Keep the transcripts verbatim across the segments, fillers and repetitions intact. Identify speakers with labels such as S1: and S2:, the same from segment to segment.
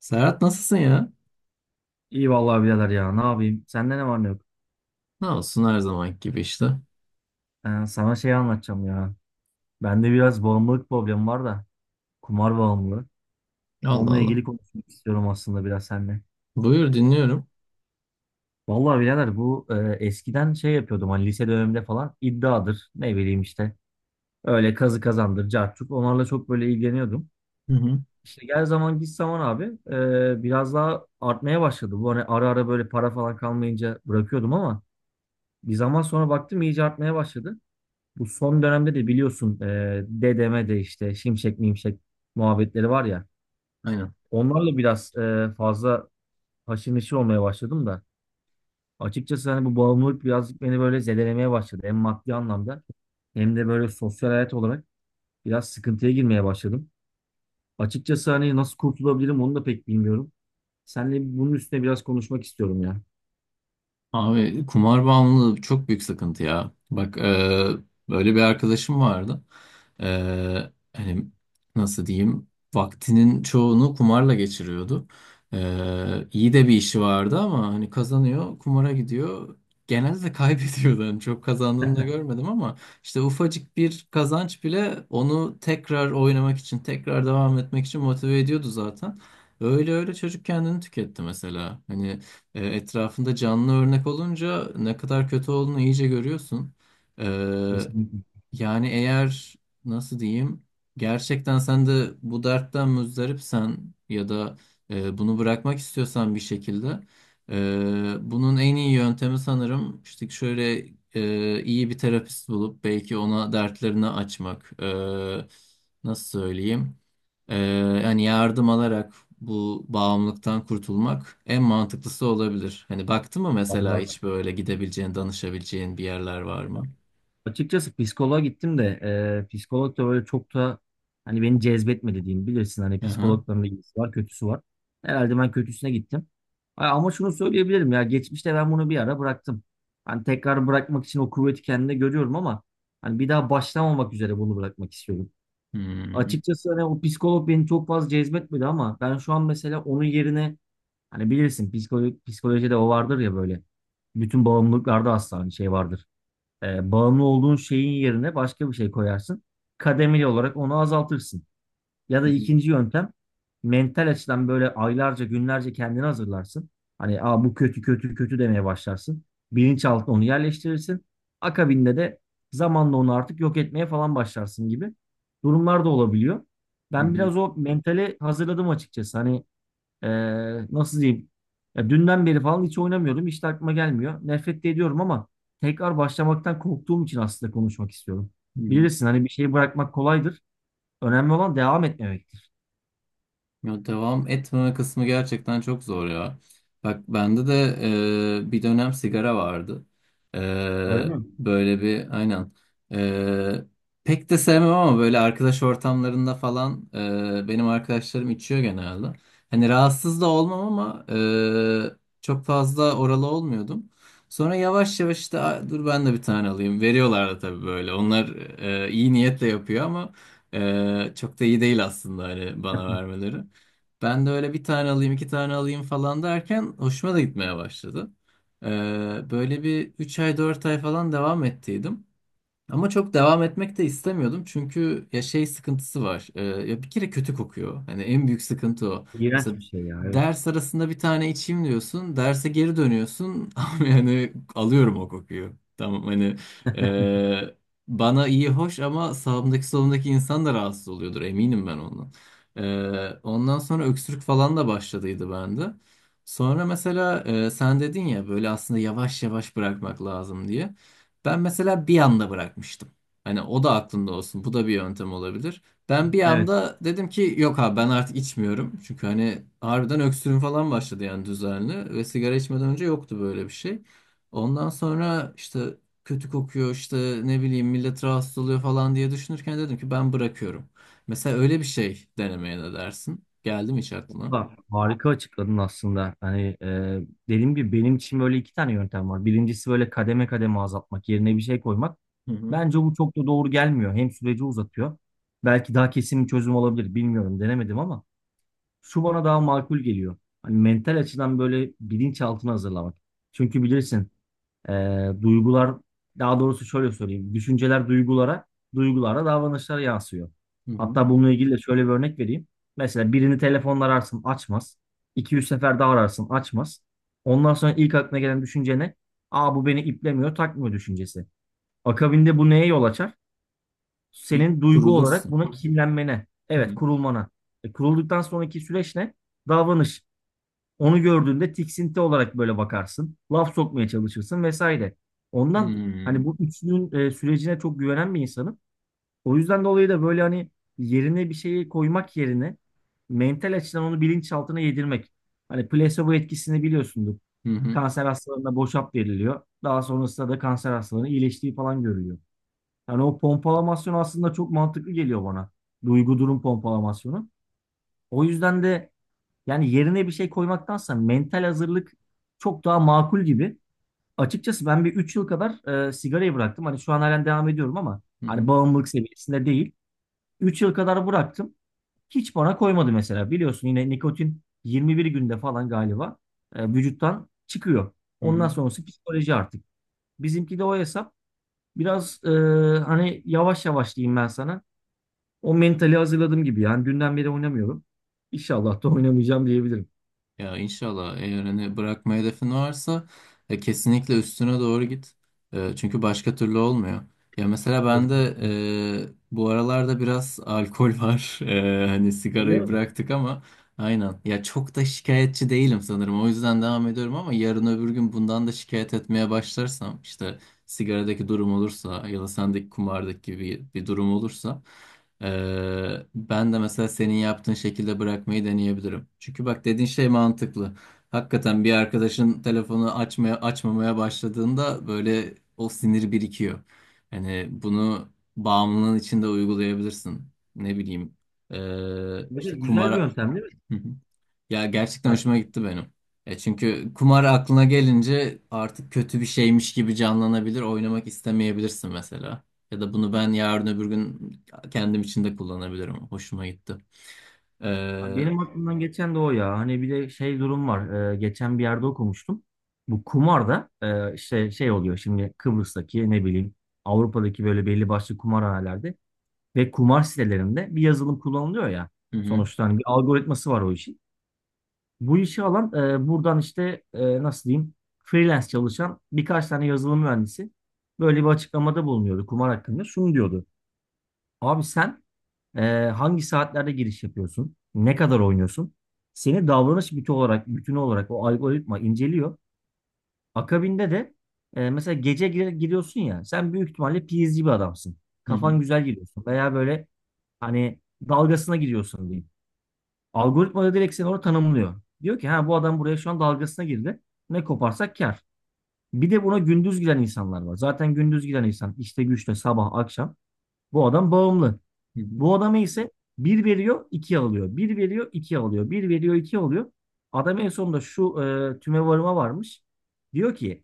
S1: Serhat nasılsın ya?
S2: İyi vallahi birader ya ne yapayım? Sende ne var ne yok?
S1: Ne olsun her zamanki gibi işte.
S2: Ee, sana şey anlatacağım ya. Bende biraz bağımlılık problemi var da. Kumar bağımlılığı.
S1: Allah
S2: Onunla
S1: Allah.
S2: ilgili konuşmak istiyorum aslında biraz seninle.
S1: Buyur dinliyorum.
S2: Vallahi birader bu e, eskiden şey yapıyordum hani lise döneminde falan iddiadır. Ne bileyim işte. Öyle kazı kazandır, cartçuk. Onlarla çok böyle ilgileniyordum.
S1: Hı hı.
S2: İşte gel zaman git zaman abi e, biraz daha artmaya başladı. Bu hani ara ara böyle para falan kalmayınca bırakıyordum ama bir zaman sonra baktım iyice artmaya başladı. Bu son dönemde de biliyorsun e, dedeme de işte şimşek mimşek muhabbetleri var ya.
S1: Aynen.
S2: Onlarla biraz e, fazla haşır neşir olmaya başladım da. Açıkçası hani bu bağımlılık birazcık beni böyle zedelemeye başladı. Hem maddi anlamda hem de böyle sosyal hayat olarak biraz sıkıntıya girmeye başladım. Açıkçası hani nasıl kurtulabilirim onu da pek bilmiyorum. Seninle bunun üstüne biraz konuşmak istiyorum ya.
S1: Abi kumar bağımlılığı çok büyük sıkıntı ya. Bak, e, böyle bir arkadaşım vardı. E, hani nasıl diyeyim, vaktinin çoğunu kumarla geçiriyordu. E, iyi de bir işi vardı ama hani kazanıyor kumara gidiyor. Genelde kaybediyordu. Hani çok kazandığını da görmedim ama işte ufacık bir kazanç bile onu tekrar oynamak için tekrar devam etmek için motive ediyordu zaten. Öyle öyle çocuk kendini tüketti mesela. Hani e, etrafında canlı örnek olunca ne kadar kötü olduğunu iyice görüyorsun. E,
S2: Kesinlikle.
S1: Yani eğer nasıl diyeyim, gerçekten sen de bu dertten muzdaripsen ya da e, bunu bırakmak istiyorsan bir şekilde, e, bunun en iyi yöntemi sanırım işte şöyle, e, iyi bir terapist bulup belki ona dertlerini açmak. E, nasıl söyleyeyim, E, yani yardım alarak bu bağımlılıktan kurtulmak en mantıklısı olabilir. Hani baktın mı mesela hiç böyle gidebileceğin danışabileceğin bir yerler var mı?
S2: Açıkçası psikoloğa gittim de e, psikolog da böyle çok da hani beni cezbetmedi diyeyim. Bilirsin hani
S1: Aha.
S2: psikologların da iyisi var kötüsü var. Herhalde ben kötüsüne gittim. Ha, ama şunu söyleyebilirim ya geçmişte ben bunu bir ara bıraktım. Hani tekrar bırakmak için o kuvveti kendimde görüyorum ama hani bir daha başlamamak üzere bunu bırakmak istiyorum.
S1: Hmm.
S2: Açıkçası hani o psikolog beni çok fazla cezbetmedi ama ben şu an mesela onun yerine hani bilirsin psikolo- psikolojide o vardır ya böyle bütün bağımlılıklarda aslında hani şey vardır. E, bağımlı olduğun şeyin yerine başka bir şey koyarsın. Kademeli olarak onu azaltırsın. Ya da
S1: Hı hı,
S2: ikinci yöntem mental açıdan böyle aylarca günlerce kendini hazırlarsın. Hani aa, bu kötü kötü kötü demeye başlarsın. Bilinçaltına onu yerleştirirsin. Akabinde de zamanla onu artık yok etmeye falan başlarsın gibi durumlar da olabiliyor.
S1: hı
S2: Ben
S1: hı,
S2: biraz o mentale hazırladım açıkçası. Hani ee, nasıl diyeyim? Ya dünden beri falan hiç oynamıyordum. Hiç de aklıma gelmiyor. Nefret de ediyorum ama tekrar başlamaktan korktuğum için aslında konuşmak istiyorum.
S1: hı hı.
S2: Bilirsin hani bir şeyi bırakmak kolaydır. Önemli olan devam etmemektir.
S1: Ya devam etmeme kısmı gerçekten çok zor ya. Bak bende de e, bir dönem sigara vardı.
S2: Öyle
S1: E,
S2: mi?
S1: Böyle bir aynen. E, Pek de sevmem ama böyle arkadaş ortamlarında falan, e, benim arkadaşlarım içiyor genelde. Hani rahatsız da olmam ama e, çok fazla oralı olmuyordum. Sonra yavaş yavaş işte, "Aa, dur ben de bir tane alayım." Veriyorlar da tabii böyle. Onlar e, iyi niyetle yapıyor ama e, çok da iyi değil aslında hani bana vermeleri. Ben de öyle bir tane alayım, iki tane alayım falan derken hoşuma da gitmeye başladı. Ee, Böyle bir üç ay, dört ay falan devam ettiydim. Ama çok devam etmek de istemiyordum çünkü ya şey sıkıntısı var. Ee, ya bir kere kötü kokuyor. Hani en büyük sıkıntı o.
S2: İğrenç
S1: Mesela
S2: bir şey ya, evet.
S1: ders arasında bir tane içeyim diyorsun, derse geri dönüyorsun ama yani alıyorum o kokuyu. Tamam hani e, bana iyi hoş ama sağımdaki solumdaki insan da rahatsız oluyordur eminim ben ondan. Ee, ondan sonra öksürük falan da başladıydı bende. Sonra mesela e, sen dedin ya böyle aslında yavaş yavaş bırakmak lazım diye. Ben mesela bir anda bırakmıştım. Hani o da aklında olsun. Bu da bir yöntem olabilir. Ben bir
S2: Evet.
S1: anda dedim ki yok abi ben artık içmiyorum. Çünkü hani harbiden öksürüm falan başladı yani düzenli. Ve sigara içmeden önce yoktu böyle bir şey. Ondan sonra işte kötü kokuyor, işte ne bileyim millet rahatsız oluyor falan diye düşünürken dedim ki ben bırakıyorum. Mesela öyle bir şey denemeye ne dersin? Geldi mi hiç aklına?
S2: Ha, harika açıkladın aslında. Hani e, dediğim gibi benim için böyle iki tane yöntem var. Birincisi böyle kademe kademe azaltmak, yerine bir şey koymak.
S1: Hı hı.
S2: Bence bu çok da doğru gelmiyor. Hem süreci uzatıyor. Belki daha kesin bir çözüm olabilir. Bilmiyorum, denemedim ama. Şu bana daha makul geliyor. Hani mental açıdan böyle bilinçaltını hazırlamak. Çünkü bilirsin eee, duygular, daha doğrusu şöyle söyleyeyim. Düşünceler duygulara, duygulara davranışlara yansıyor.
S1: Hı hı.
S2: Hatta bununla ilgili de şöyle bir örnek vereyim. Mesela birini telefonla ararsın, açmaz. iki yüz sefer daha ararsın, açmaz. Ondan sonra ilk aklına gelen düşünce ne? Aa, bu beni iplemiyor, takmıyor düşüncesi. Akabinde bu neye yol açar?
S1: Bir
S2: Senin duygu olarak
S1: kurulursun.
S2: buna kinlenmene,
S1: Hı
S2: evet,
S1: hı.
S2: kurulmana. E, kurulduktan sonraki süreç ne? Davranış. Onu gördüğünde tiksinti olarak böyle bakarsın. Laf sokmaya çalışırsın vesaire.
S1: Hı
S2: Ondan
S1: hı.
S2: hani bu üçlünün e, sürecine çok güvenen bir insanım. O yüzden dolayı da böyle hani yerine bir şeyi koymak yerine mental açıdan onu bilinçaltına yedirmek. Hani placebo etkisini biliyorsundur.
S1: Hı
S2: Kanser hastalarına boşap veriliyor. Daha sonrasında da kanser hastalarının iyileştiği falan görülüyor. Yani o pompalamasyon aslında çok mantıklı geliyor bana. Duygu durum pompalamasyonu. O yüzden de yani yerine bir şey koymaktansa mental hazırlık çok daha makul gibi. Açıkçası ben bir üç yıl kadar e, sigarayı bıraktım. Hani şu an halen devam ediyorum ama hani
S1: hı.
S2: bağımlılık seviyesinde değil. Üç yıl kadar bıraktım. Hiç bana koymadı mesela. Biliyorsun yine nikotin 21 günde falan galiba e, vücuttan çıkıyor.
S1: Hı
S2: Ondan
S1: hı.
S2: sonrası psikoloji artık. Bizimki de o hesap. Biraz e, hani yavaş yavaş diyeyim ben sana. O mentali hazırladım gibi. Yani dünden beri oynamıyorum. İnşallah da oynamayacağım diyebilirim.
S1: Ya inşallah eğer hani bırakma hedefin varsa e, kesinlikle üstüne doğru git. E, çünkü başka türlü olmuyor. Ya mesela ben de
S2: Kesinlikle.
S1: e, bu aralarda biraz alkol var. E, hani
S2: Öyle
S1: sigarayı
S2: mi?
S1: bıraktık ama aynen. Ya çok da şikayetçi değilim sanırım. O yüzden devam ediyorum ama yarın öbür gün bundan da şikayet etmeye başlarsam, işte sigaradaki durum olursa ya da sendeki kumardaki gibi bir durum olursa ee, ben de mesela senin yaptığın şekilde bırakmayı deneyebilirim. Çünkü bak dediğin şey mantıklı. Hakikaten bir arkadaşın telefonu açmaya açmamaya başladığında böyle o sinir birikiyor. Hani bunu bağımlılığın içinde uygulayabilirsin. Ne bileyim, ee,
S2: Evet,
S1: işte
S2: evet, güzel bir
S1: kumara.
S2: yöntem değil mi?
S1: Ya gerçekten
S2: Yani
S1: hoşuma gitti benim. E çünkü kumar aklına gelince artık kötü bir şeymiş gibi canlanabilir. Oynamak istemeyebilirsin mesela. Ya da bunu ben yarın öbür gün kendim için de kullanabilirim. Hoşuma gitti. Ee, hı
S2: benim aklımdan geçen de o ya. Hani bir de şey durum var. Ee, geçen bir yerde okumuştum. Bu kumarda e, işte şey oluyor şimdi. Kıbrıs'taki ne bileyim Avrupa'daki böyle belli başlı kumarhanelerde ve kumar sitelerinde bir yazılım kullanılıyor ya.
S1: hı,
S2: Sonuçta hani bir algoritması var o işin. Bu işi alan, e, buradan işte, e, nasıl diyeyim, freelance çalışan birkaç tane yazılım mühendisi böyle bir açıklamada bulunuyordu kumar hakkında. Şunu diyordu. Abi sen Ee, hangi saatlerde giriş yapıyorsun? Ne kadar oynuyorsun? Seni davranış bütün olarak, bütün olarak o algoritma inceliyor. Akabinde de e, mesela gece gir- giriyorsun ya, sen büyük ihtimalle P S G bir adamsın.
S1: hı hı,
S2: Kafan güzel giriyorsun veya böyle hani dalgasına giriyorsun diyeyim. Algoritma da direkt seni orada tanımlıyor. Diyor ki ha, bu adam buraya şu an dalgasına girdi. Ne koparsak kar. Bir de buna gündüz giren insanlar var. Zaten gündüz giren insan işte güçle sabah akşam. Bu adam bağımlı.
S1: hı hı,
S2: Bu adama ise bir veriyor iki alıyor. Bir veriyor iki alıyor. Bir veriyor iki alıyor. Adam en sonunda şu e, tümevarıma varmış. Diyor ki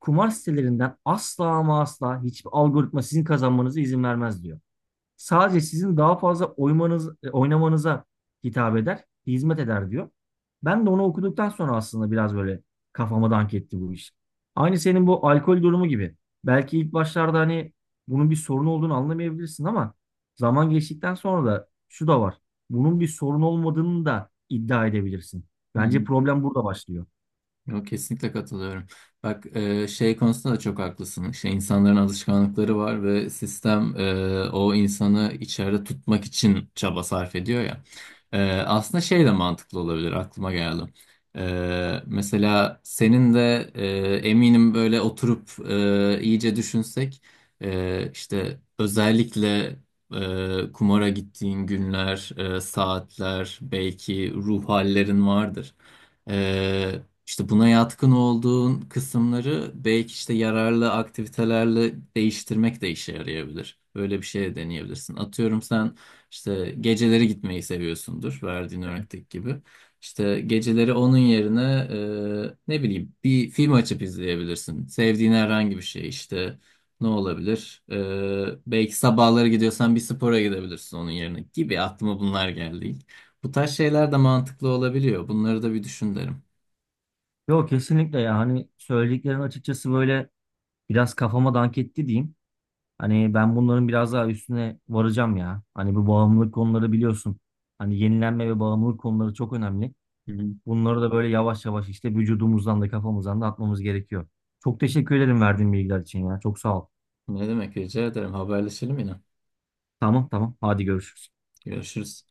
S2: kumar sitelerinden asla ama asla hiçbir algoritma sizin kazanmanıza izin vermez diyor. Sadece sizin daha fazla oymanız, e, oynamanıza hitap eder, hizmet eder diyor. Ben de onu okuduktan sonra aslında biraz böyle kafama dank etti bu iş. Aynı senin bu alkol durumu gibi. Belki ilk başlarda hani bunun bir sorun olduğunu anlamayabilirsin ama zaman geçtikten sonra da şu da var. Bunun bir sorun olmadığını da iddia edebilirsin.
S1: hı
S2: Bence
S1: hı.
S2: problem burada başlıyor.
S1: Yok, kesinlikle katılıyorum. Bak, e, şey konusunda da çok haklısın. İşte insanların alışkanlıkları var ve sistem e, o insanı içeride tutmak için çaba sarf ediyor ya. E, aslında şey de mantıklı olabilir, aklıma geldi. E, mesela senin de e, eminim böyle oturup e, iyice düşünsek, e, işte özellikle e, kumara gittiğin günler, e, saatler belki ruh hallerin vardır. İşte buna yatkın olduğun kısımları belki işte yararlı aktivitelerle değiştirmek de işe yarayabilir. Böyle bir şey de deneyebilirsin. Atıyorum sen işte geceleri gitmeyi seviyorsundur verdiğin örnekteki gibi. İşte geceleri onun yerine e, ne bileyim bir film açıp izleyebilirsin. Sevdiğin herhangi bir şey işte ne olabilir? E, belki sabahları gidiyorsan bir spora gidebilirsin onun yerine, gibi aklıma bunlar geldi ilk. Bu tarz şeyler de mantıklı olabiliyor. Bunları da bir düşün derim.
S2: Yok, kesinlikle. Yani söylediklerin açıkçası böyle biraz kafama dank etti diyeyim. Hani ben bunların biraz daha üstüne varacağım ya. Hani bu bağımlılık konuları biliyorsun. Hani yenilenme ve bağımlılık konuları çok önemli. Bunları da böyle yavaş yavaş işte vücudumuzdan da kafamızdan da atmamız gerekiyor. Çok teşekkür ederim verdiğin bilgiler için ya. Çok sağ ol.
S1: Ne demek, rica ederim. Haberleşelim yine.
S2: Tamam, tamam. Hadi görüşürüz.
S1: Görüşürüz.